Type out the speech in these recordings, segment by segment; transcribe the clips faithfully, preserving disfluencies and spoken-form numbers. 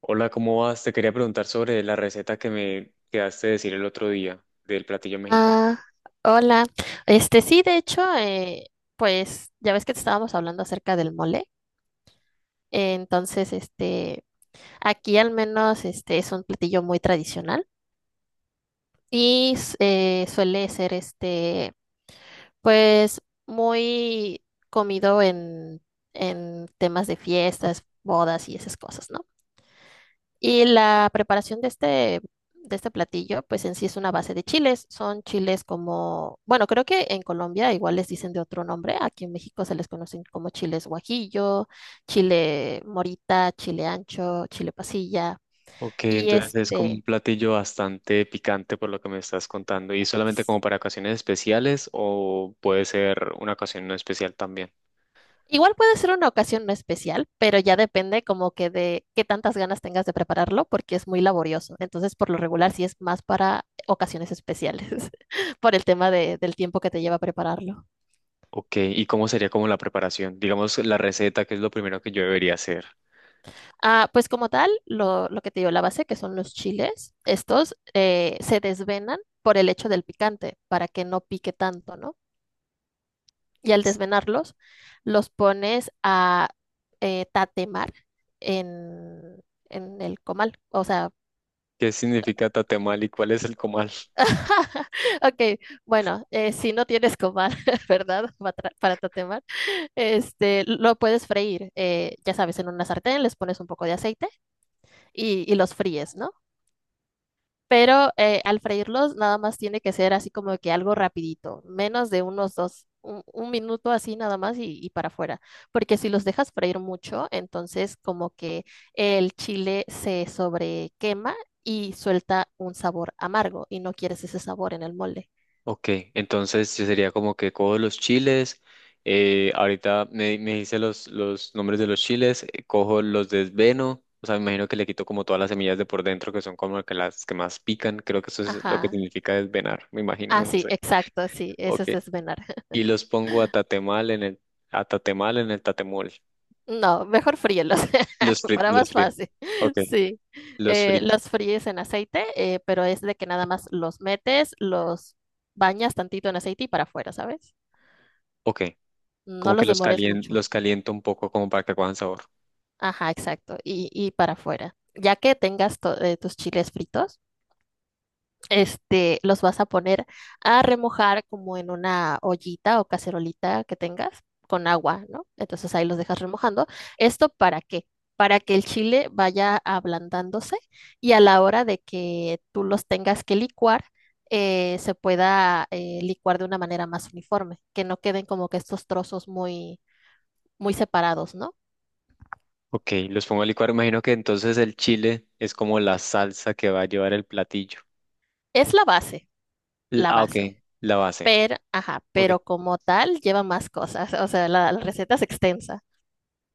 Hola, ¿cómo vas? Te quería preguntar sobre la receta que me quedaste de decir el otro día del platillo mexicano. Ah, hola. Este sí, de hecho, eh, pues ya ves que te estábamos hablando acerca del mole. Eh, entonces, este, aquí al menos este es un platillo muy tradicional y s- eh, suele ser este, pues muy comido en, en temas de fiestas, bodas y esas cosas, ¿no? Y la preparación de este, de este platillo, pues en sí es una base de chiles. Son chiles como, bueno, creo que en Colombia igual les dicen de otro nombre. Aquí en México se les conocen como chiles guajillo, chile morita, chile ancho, chile pasilla. Ok, Y entonces es como un este, platillo bastante picante por lo que me estás contando. ¿Y solamente s- como para ocasiones especiales o puede ser una ocasión no especial también? igual puede ser una ocasión no especial, pero ya depende como que de qué tantas ganas tengas de prepararlo, porque es muy laborioso. Entonces, por lo regular, sí es más para ocasiones especiales, por el tema de- del tiempo que te lleva prepararlo. Ok, ¿y cómo sería como la preparación? Digamos la receta, que es lo primero que yo debería hacer. Ah, pues como tal, lo, lo que te digo, la base, que son los chiles, estos eh, se desvenan por el hecho del picante, para que no pique tanto, ¿no? Y al desvenarlos, los pones a eh, tatemar en, en el comal. O sea, ¿Qué significa tatemal y cuál es el comal? ok, bueno, eh, si no tienes comal, ¿verdad? Pa- tra- Para tatemar, este, lo puedes freír, eh, ya sabes, en una sartén les pones un poco de aceite y, y los fríes, ¿no? Pero eh, al freírlos nada más tiene que ser así como que algo rapidito, menos de unos dos, un, un minuto así nada más y, y para afuera. Porque si los dejas freír mucho, entonces como que el chile se sobrequema y suelta un sabor amargo y no quieres ese sabor en el mole. Ok, entonces sí sería como que cojo los chiles, eh, ahorita me, me hice los, los nombres de los chiles, eh, cojo los desveno, o sea, me imagino que le quito como todas las semillas de por dentro que son como que las que más pican, creo que eso es lo que Ajá. significa desvenar, me imagino, Ah, no sí, sé. exacto, sí, eso Ok, es desvenar. y los pongo a tatemal en el, a tatemal en el tatemol, No, mejor fríelos, los para fritos, los más fritos. fácil. Ok, Sí, los Eh, fritos. los fríes en aceite, eh, pero es de que nada más los metes, los bañas tantito en aceite y para afuera, ¿sabes? Ok, No como que los los demores calien, mucho. los caliento un poco como para que cojan sabor. Ajá, exacto, y, y para afuera. Ya que tengas to- eh, tus chiles fritos, este, los vas a poner a remojar como en una ollita o cacerolita que tengas con agua, ¿no? Entonces ahí los dejas remojando. ¿Esto para qué? Para que el chile vaya ablandándose y a la hora de que tú los tengas que licuar, eh, se pueda eh, licuar de una manera más uniforme, que no queden como que estos trozos muy, muy separados, ¿no? Ok, los pongo a licuar. Imagino que entonces el chile es como la salsa que va a llevar el platillo. Es la base, L- la Ah, ok, base. la base. Pero, ajá, Ok, pero como tal lleva más cosas, o sea, la la receta es extensa.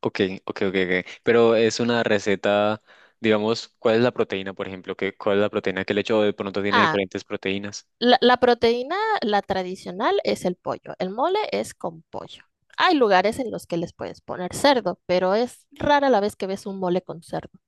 ok, ok, ok, ok. Pero es una receta, digamos, ¿cuál es la proteína, por ejemplo? ¿Qué, cuál es la proteína que le echo? O de pronto tiene Ah, diferentes proteínas. La, la proteína, la tradicional, es el pollo. El mole es con pollo. Hay lugares en los que les puedes poner cerdo, pero es rara la vez que ves un mole con cerdo.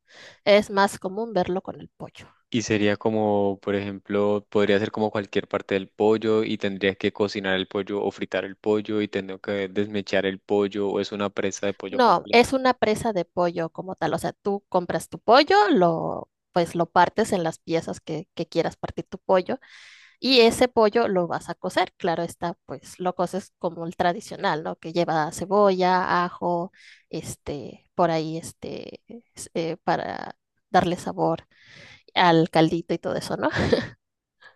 Es más común verlo con el pollo. Y sería como, por ejemplo, podría ser como cualquier parte del pollo y tendría que cocinar el pollo o fritar el pollo y tendría que desmechar el pollo o es una presa de pollo No, completa. es una presa de pollo como tal. O sea, tú compras tu pollo, lo, pues lo partes en las piezas que, que quieras partir tu pollo. Y ese pollo lo vas a cocer, claro está, pues lo coces como el tradicional, ¿no? Que lleva cebolla, ajo, este, por ahí, este, es- eh, para darle sabor al caldito y todo eso, ¿no?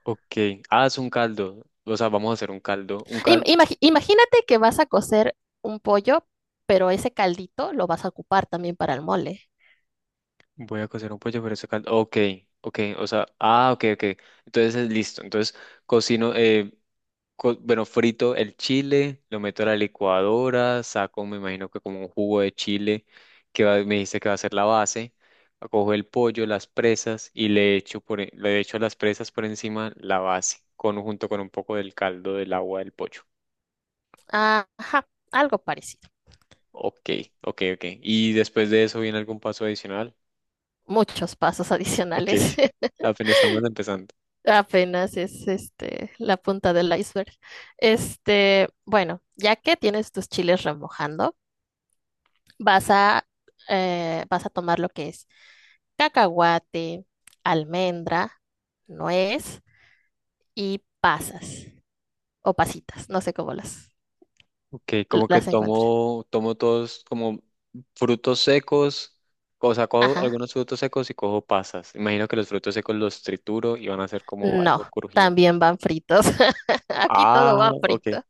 Ok, ah, es un caldo. O sea, vamos a hacer un caldo. Un Im- caldo. Imagi- imagínate que vas a cocer un pollo, pero ese caldito lo vas a ocupar también para el mole. Voy a cocer un pollo, pero se caldo. Ok, ok, o sea, ah, ok, ok. Entonces es listo. Entonces cocino, eh, co- bueno, frito el chile, lo meto a la licuadora, saco, me imagino que como un jugo de chile, que va- me dice que va a ser la base. Cojo el pollo, las presas y le echo, por, e- le echo las presas por encima la base, con, junto con un poco del caldo del agua del pollo. Ah, ajá, algo parecido. Ok, ok, ok. Y después de eso viene algún paso adicional. Muchos pasos Ok. adicionales. Apenas estamos empezando. Apenas es este la punta del iceberg. Este, bueno, ya que tienes tus chiles remojando, vas a eh, vas a tomar lo que es cacahuate, almendra, nuez y pasas o pasitas, no sé cómo las Ok, como que las encuentres. tomo, tomo todos como frutos secos, o sea, cojo Ajá. algunos frutos secos y cojo pasas. Imagino que los frutos secos los trituro y van a ser como No, algo crujiente. también van fritos. Aquí todo Ah, va ok, frito.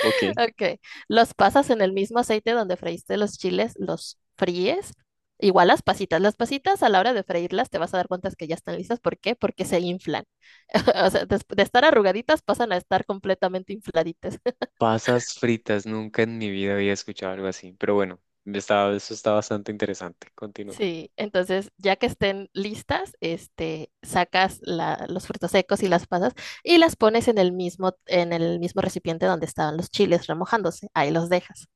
ok. Ok, los pasas en el mismo aceite donde freíste los chiles, los fríes. Igual las pasitas, las pasitas a la hora de freírlas te vas a dar cuenta que ya están listas. ¿Por qué? Porque se inflan. O sea, des- de, estar arrugaditas pasan a estar completamente infladitas. Pasas fritas, nunca en mi vida había escuchado algo así, pero bueno, está- eso está bastante interesante. Continúa. Sí, entonces ya que estén listas, este, sacas la- los frutos secos y las pasas y las pones en el mismo, en el mismo recipiente donde estaban los chiles remojándose. Ahí los dejas.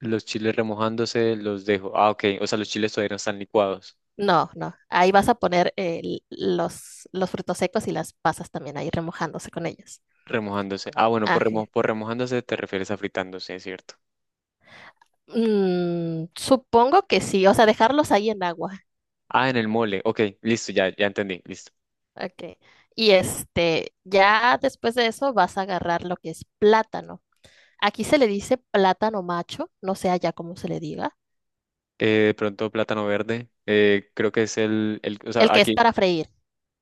Los chiles remojándose los dejo. Ah, ok, o sea, los chiles todavía no están licuados. No, no. Ahí vas a poner el- los, los frutos secos y las pasas también ahí remojándose con ellos. Remojándose. Ah, bueno, por, Ajá. remo por remojándose te refieres a fritándose, ¿cierto? Mm, supongo que sí, o sea, dejarlos ahí en agua. Ah, en el mole. Ok, listo, ya, ya entendí, listo. Ok. Y este, ya después de eso vas a agarrar lo que es plátano. Aquí se le dice plátano macho, no sé allá cómo se le diga. Eh, de pronto plátano verde, eh, creo que es el, el, o El sea, que es aquí, para freír.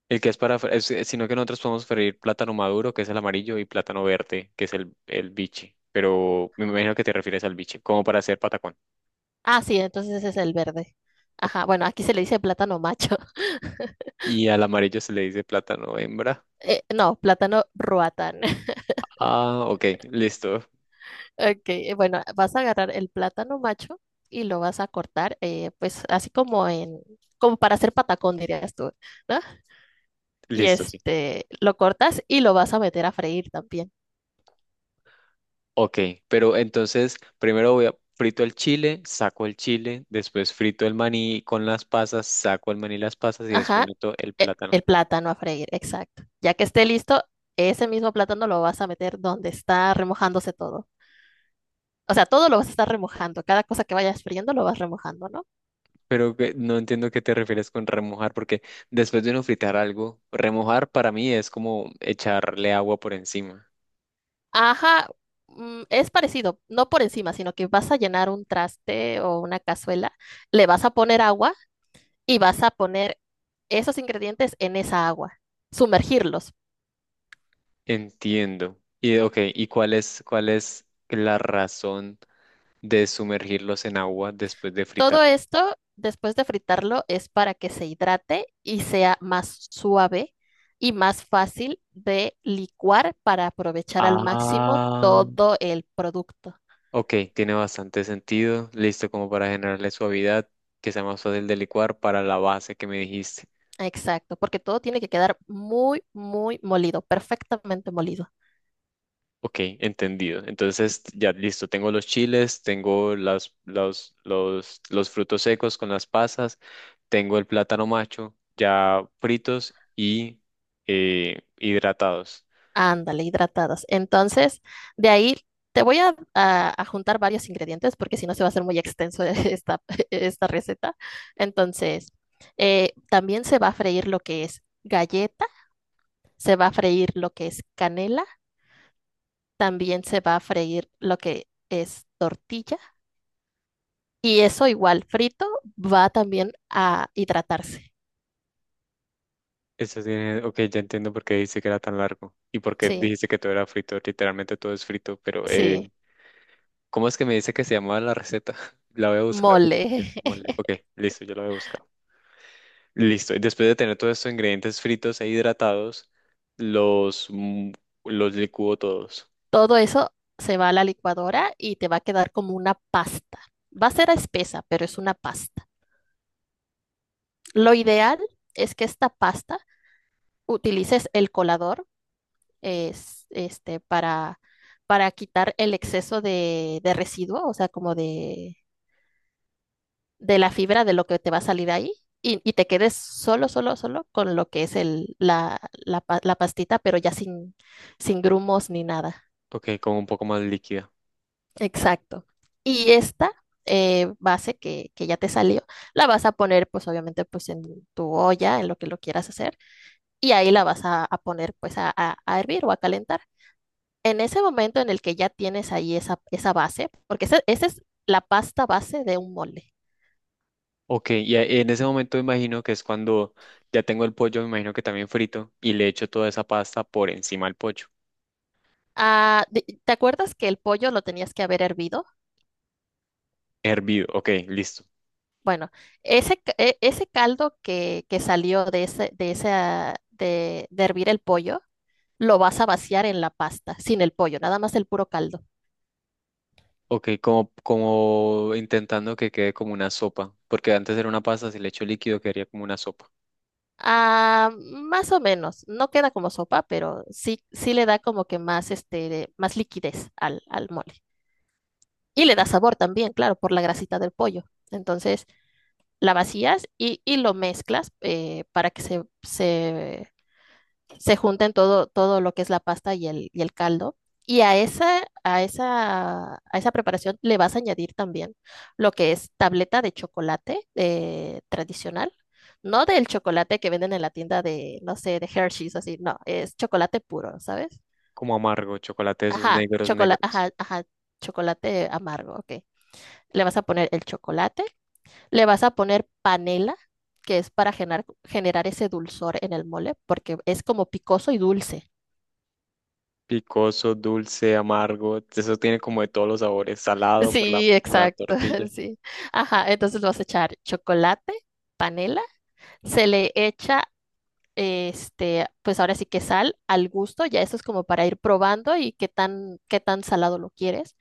el que es para, fre- es- sino que nosotros podemos freír plátano maduro, que es el amarillo, y plátano verde, que es el, el biche, pero me imagino que te refieres al biche, como para hacer patacón. Ah, sí, entonces ese es el verde. Ok. Ajá, bueno, aquí se le dice plátano macho. Y al amarillo se le dice plátano hembra. Eh, no, plátano ruatán. Ah, ok, listo, Ok, eh, bueno, vas a agarrar el plátano macho y lo vas a cortar, eh, pues así como en, como para hacer patacón, dirías tú, ¿no? Y listo, sí. este, lo cortas y lo vas a meter a freír también. Ok, pero entonces primero voy a frito el chile, saco el chile, después frito el maní con las pasas, saco el maní y las pasas y después Ajá, meto el e- plátano. el plátano a freír, exacto. Ya que esté listo, ese mismo plátano lo vas a meter donde está remojándose todo. O sea, todo lo vas a estar remojando, cada cosa que vayas friendo lo vas remojando, ¿no? Pero que- no entiendo qué te refieres con remojar, porque después de uno fritar algo, remojar para mí es como echarle agua por encima. Ajá, mm, es parecido, no por encima, sino que vas a llenar un traste o una cazuela, le vas a poner agua y vas a poner esos ingredientes en esa agua, sumergirlos. Entiendo. Y ok, ¿y cuál es, cuál es la razón de sumergirlos en agua después de fritar? Todo esto, después de fritarlo, es para que se hidrate y sea más suave y más fácil de licuar para aprovechar al máximo Ah, todo el producto. ok, tiene bastante sentido. Listo como para generarle suavidad, que sea más fácil de licuar para la base que me dijiste. Exacto, porque todo tiene que quedar muy, muy molido, perfectamente molido. Ok, entendido. Entonces, ya listo, tengo los chiles, tengo las, los, los, los frutos secos con las pasas, tengo el plátano macho ya fritos y eh, hidratados. Ándale, hidratadas. Entonces, de ahí te voy a, a- a juntar varios ingredientes porque si no se va a hacer muy extenso esta, esta receta. Entonces, eh, también se va a freír lo que es galleta, se va a freír lo que es canela, también se va a freír lo que es tortilla y eso igual frito va también a hidratarse. Eso tiene, ok, ya entiendo por qué dijiste que era tan largo y por qué Sí, dijiste que todo era frito. Literalmente todo es frito, pero eh, sí, ¿cómo es que me dice que se llamaba la receta? La voy a buscar. mole. Mole. Ok, listo, yo la voy a buscar. Listo. Y después de tener todos estos ingredientes fritos e hidratados, los, mm, los licúo todos. Todo eso se va a la licuadora y te va a quedar como una pasta. Va a ser espesa, pero es una pasta. Lo ideal es que esta pasta utilices el colador es, este, para, para quitar el exceso de, de residuo, o sea, como de, de la fibra de lo que te va a salir ahí. Y, y te quedes solo, solo, solo con lo que es el, la, la pa- la pastita, pero ya sin, sin grumos ni nada. Ok, con un poco más líquida. Exacto. Y esta eh, base que, que ya te salió, la vas a poner pues obviamente pues en tu olla, en lo que lo quieras hacer, y ahí la vas a, a poner pues a, a- a hervir o a calentar. En ese momento en el que ya tienes ahí esa, esa base, porque esa, esa es la pasta base de un mole. Ok, y a- en ese momento imagino que es cuando ya tengo el pollo, me imagino que también frito, y le echo toda esa pasta por encima al pollo. Ah, de- ¿te acuerdas que el pollo lo tenías que haber hervido? Hervido, ok, listo. Bueno, ese, ca- e- ese caldo que, que salió de, ese, de, esa, de de hervir el pollo, lo vas a vaciar en la pasta, sin el pollo, nada más el puro caldo. Ok, como, como intentando que quede como una sopa, porque antes era una pasta, si le echo líquido quedaría como una sopa, Ah, más o menos, no queda como sopa, pero sí, sí le da como que más, este, más liquidez al, al mole. Y le da sabor también, claro, por la grasita del pollo. Entonces, la vacías y, y lo mezclas eh, para que se, se se junten todo, todo lo que es la pasta y el, y el caldo. Y a esa, a esa, a esa preparación le vas a añadir también lo que es tableta de chocolate eh, tradicional. No del chocolate que venden en la tienda de, no sé, de Hershey's, así, no, es chocolate puro, ¿sabes? como amargo, chocolate de esos Ajá, negros, chocolate, negros. ajá, ajá, chocolate amargo, ok. Le vas a poner el chocolate, le vas a poner panela, que es para generar, generar ese dulzor en el mole, porque es como picoso y dulce. Picoso, dulce, amargo. Eso tiene como de todos los sabores, salado por la, Sí, por la exacto, tortilla. sí. Ajá, entonces le vas a echar chocolate, panela, se le echa, este, pues ahora sí que sal al gusto, ya eso es como para ir probando y qué tan, qué tan salado lo quieres.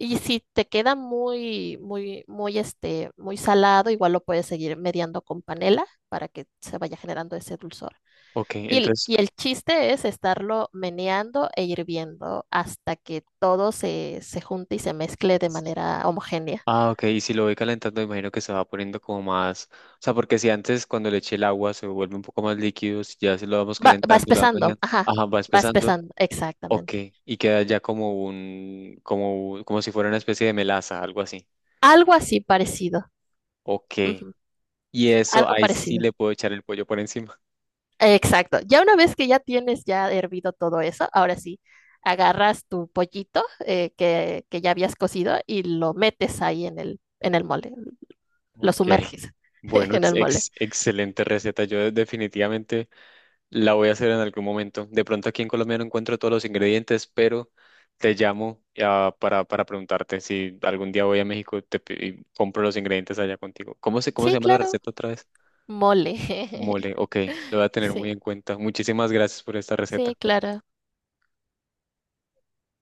Y si te queda muy, muy, muy, este, muy salado, igual lo puedes seguir mediando con panela para que se vaya generando ese dulzor. Ok, Y, el- entonces, Y el chiste es estarlo meneando e hirviendo hasta que todo se, se junte y se mezcle de manera homogénea. ah, ok, y si lo voy calentando, imagino que se va poniendo como más, o sea, porque si antes cuando le eché el agua se vuelve un poco más líquido, si ya se lo vamos Va, va calentando y lo vamos empezando, añadiendo, ajá, ajá, va va espesando, empezando, ok, exactamente. y queda ya como un, como, un- como si fuera una especie de melaza, algo así. Algo así parecido, Ok, ujú. y eso Algo ahí sí parecido, le puedo echar el pollo por encima. exacto. Ya una vez que ya tienes ya hervido todo eso, ahora sí, agarras tu pollito eh, que, que ya habías cocido y lo metes ahí en el, en el mole, lo Ok. sumerges Bueno, en ex- el mole. ex- excelente receta. Yo definitivamente la voy a hacer en algún momento. De pronto aquí en Colombia no encuentro todos los ingredientes, pero te llamo ah, para, para preguntarte si algún día voy a México te, pi- y compro los ingredientes allá contigo. ¿Cómo se, cómo se Sí, llama la claro, receta otra vez? mole. Mole, ok, lo voy a tener muy Sí, en cuenta. Muchísimas gracias por esta sí, receta. claro.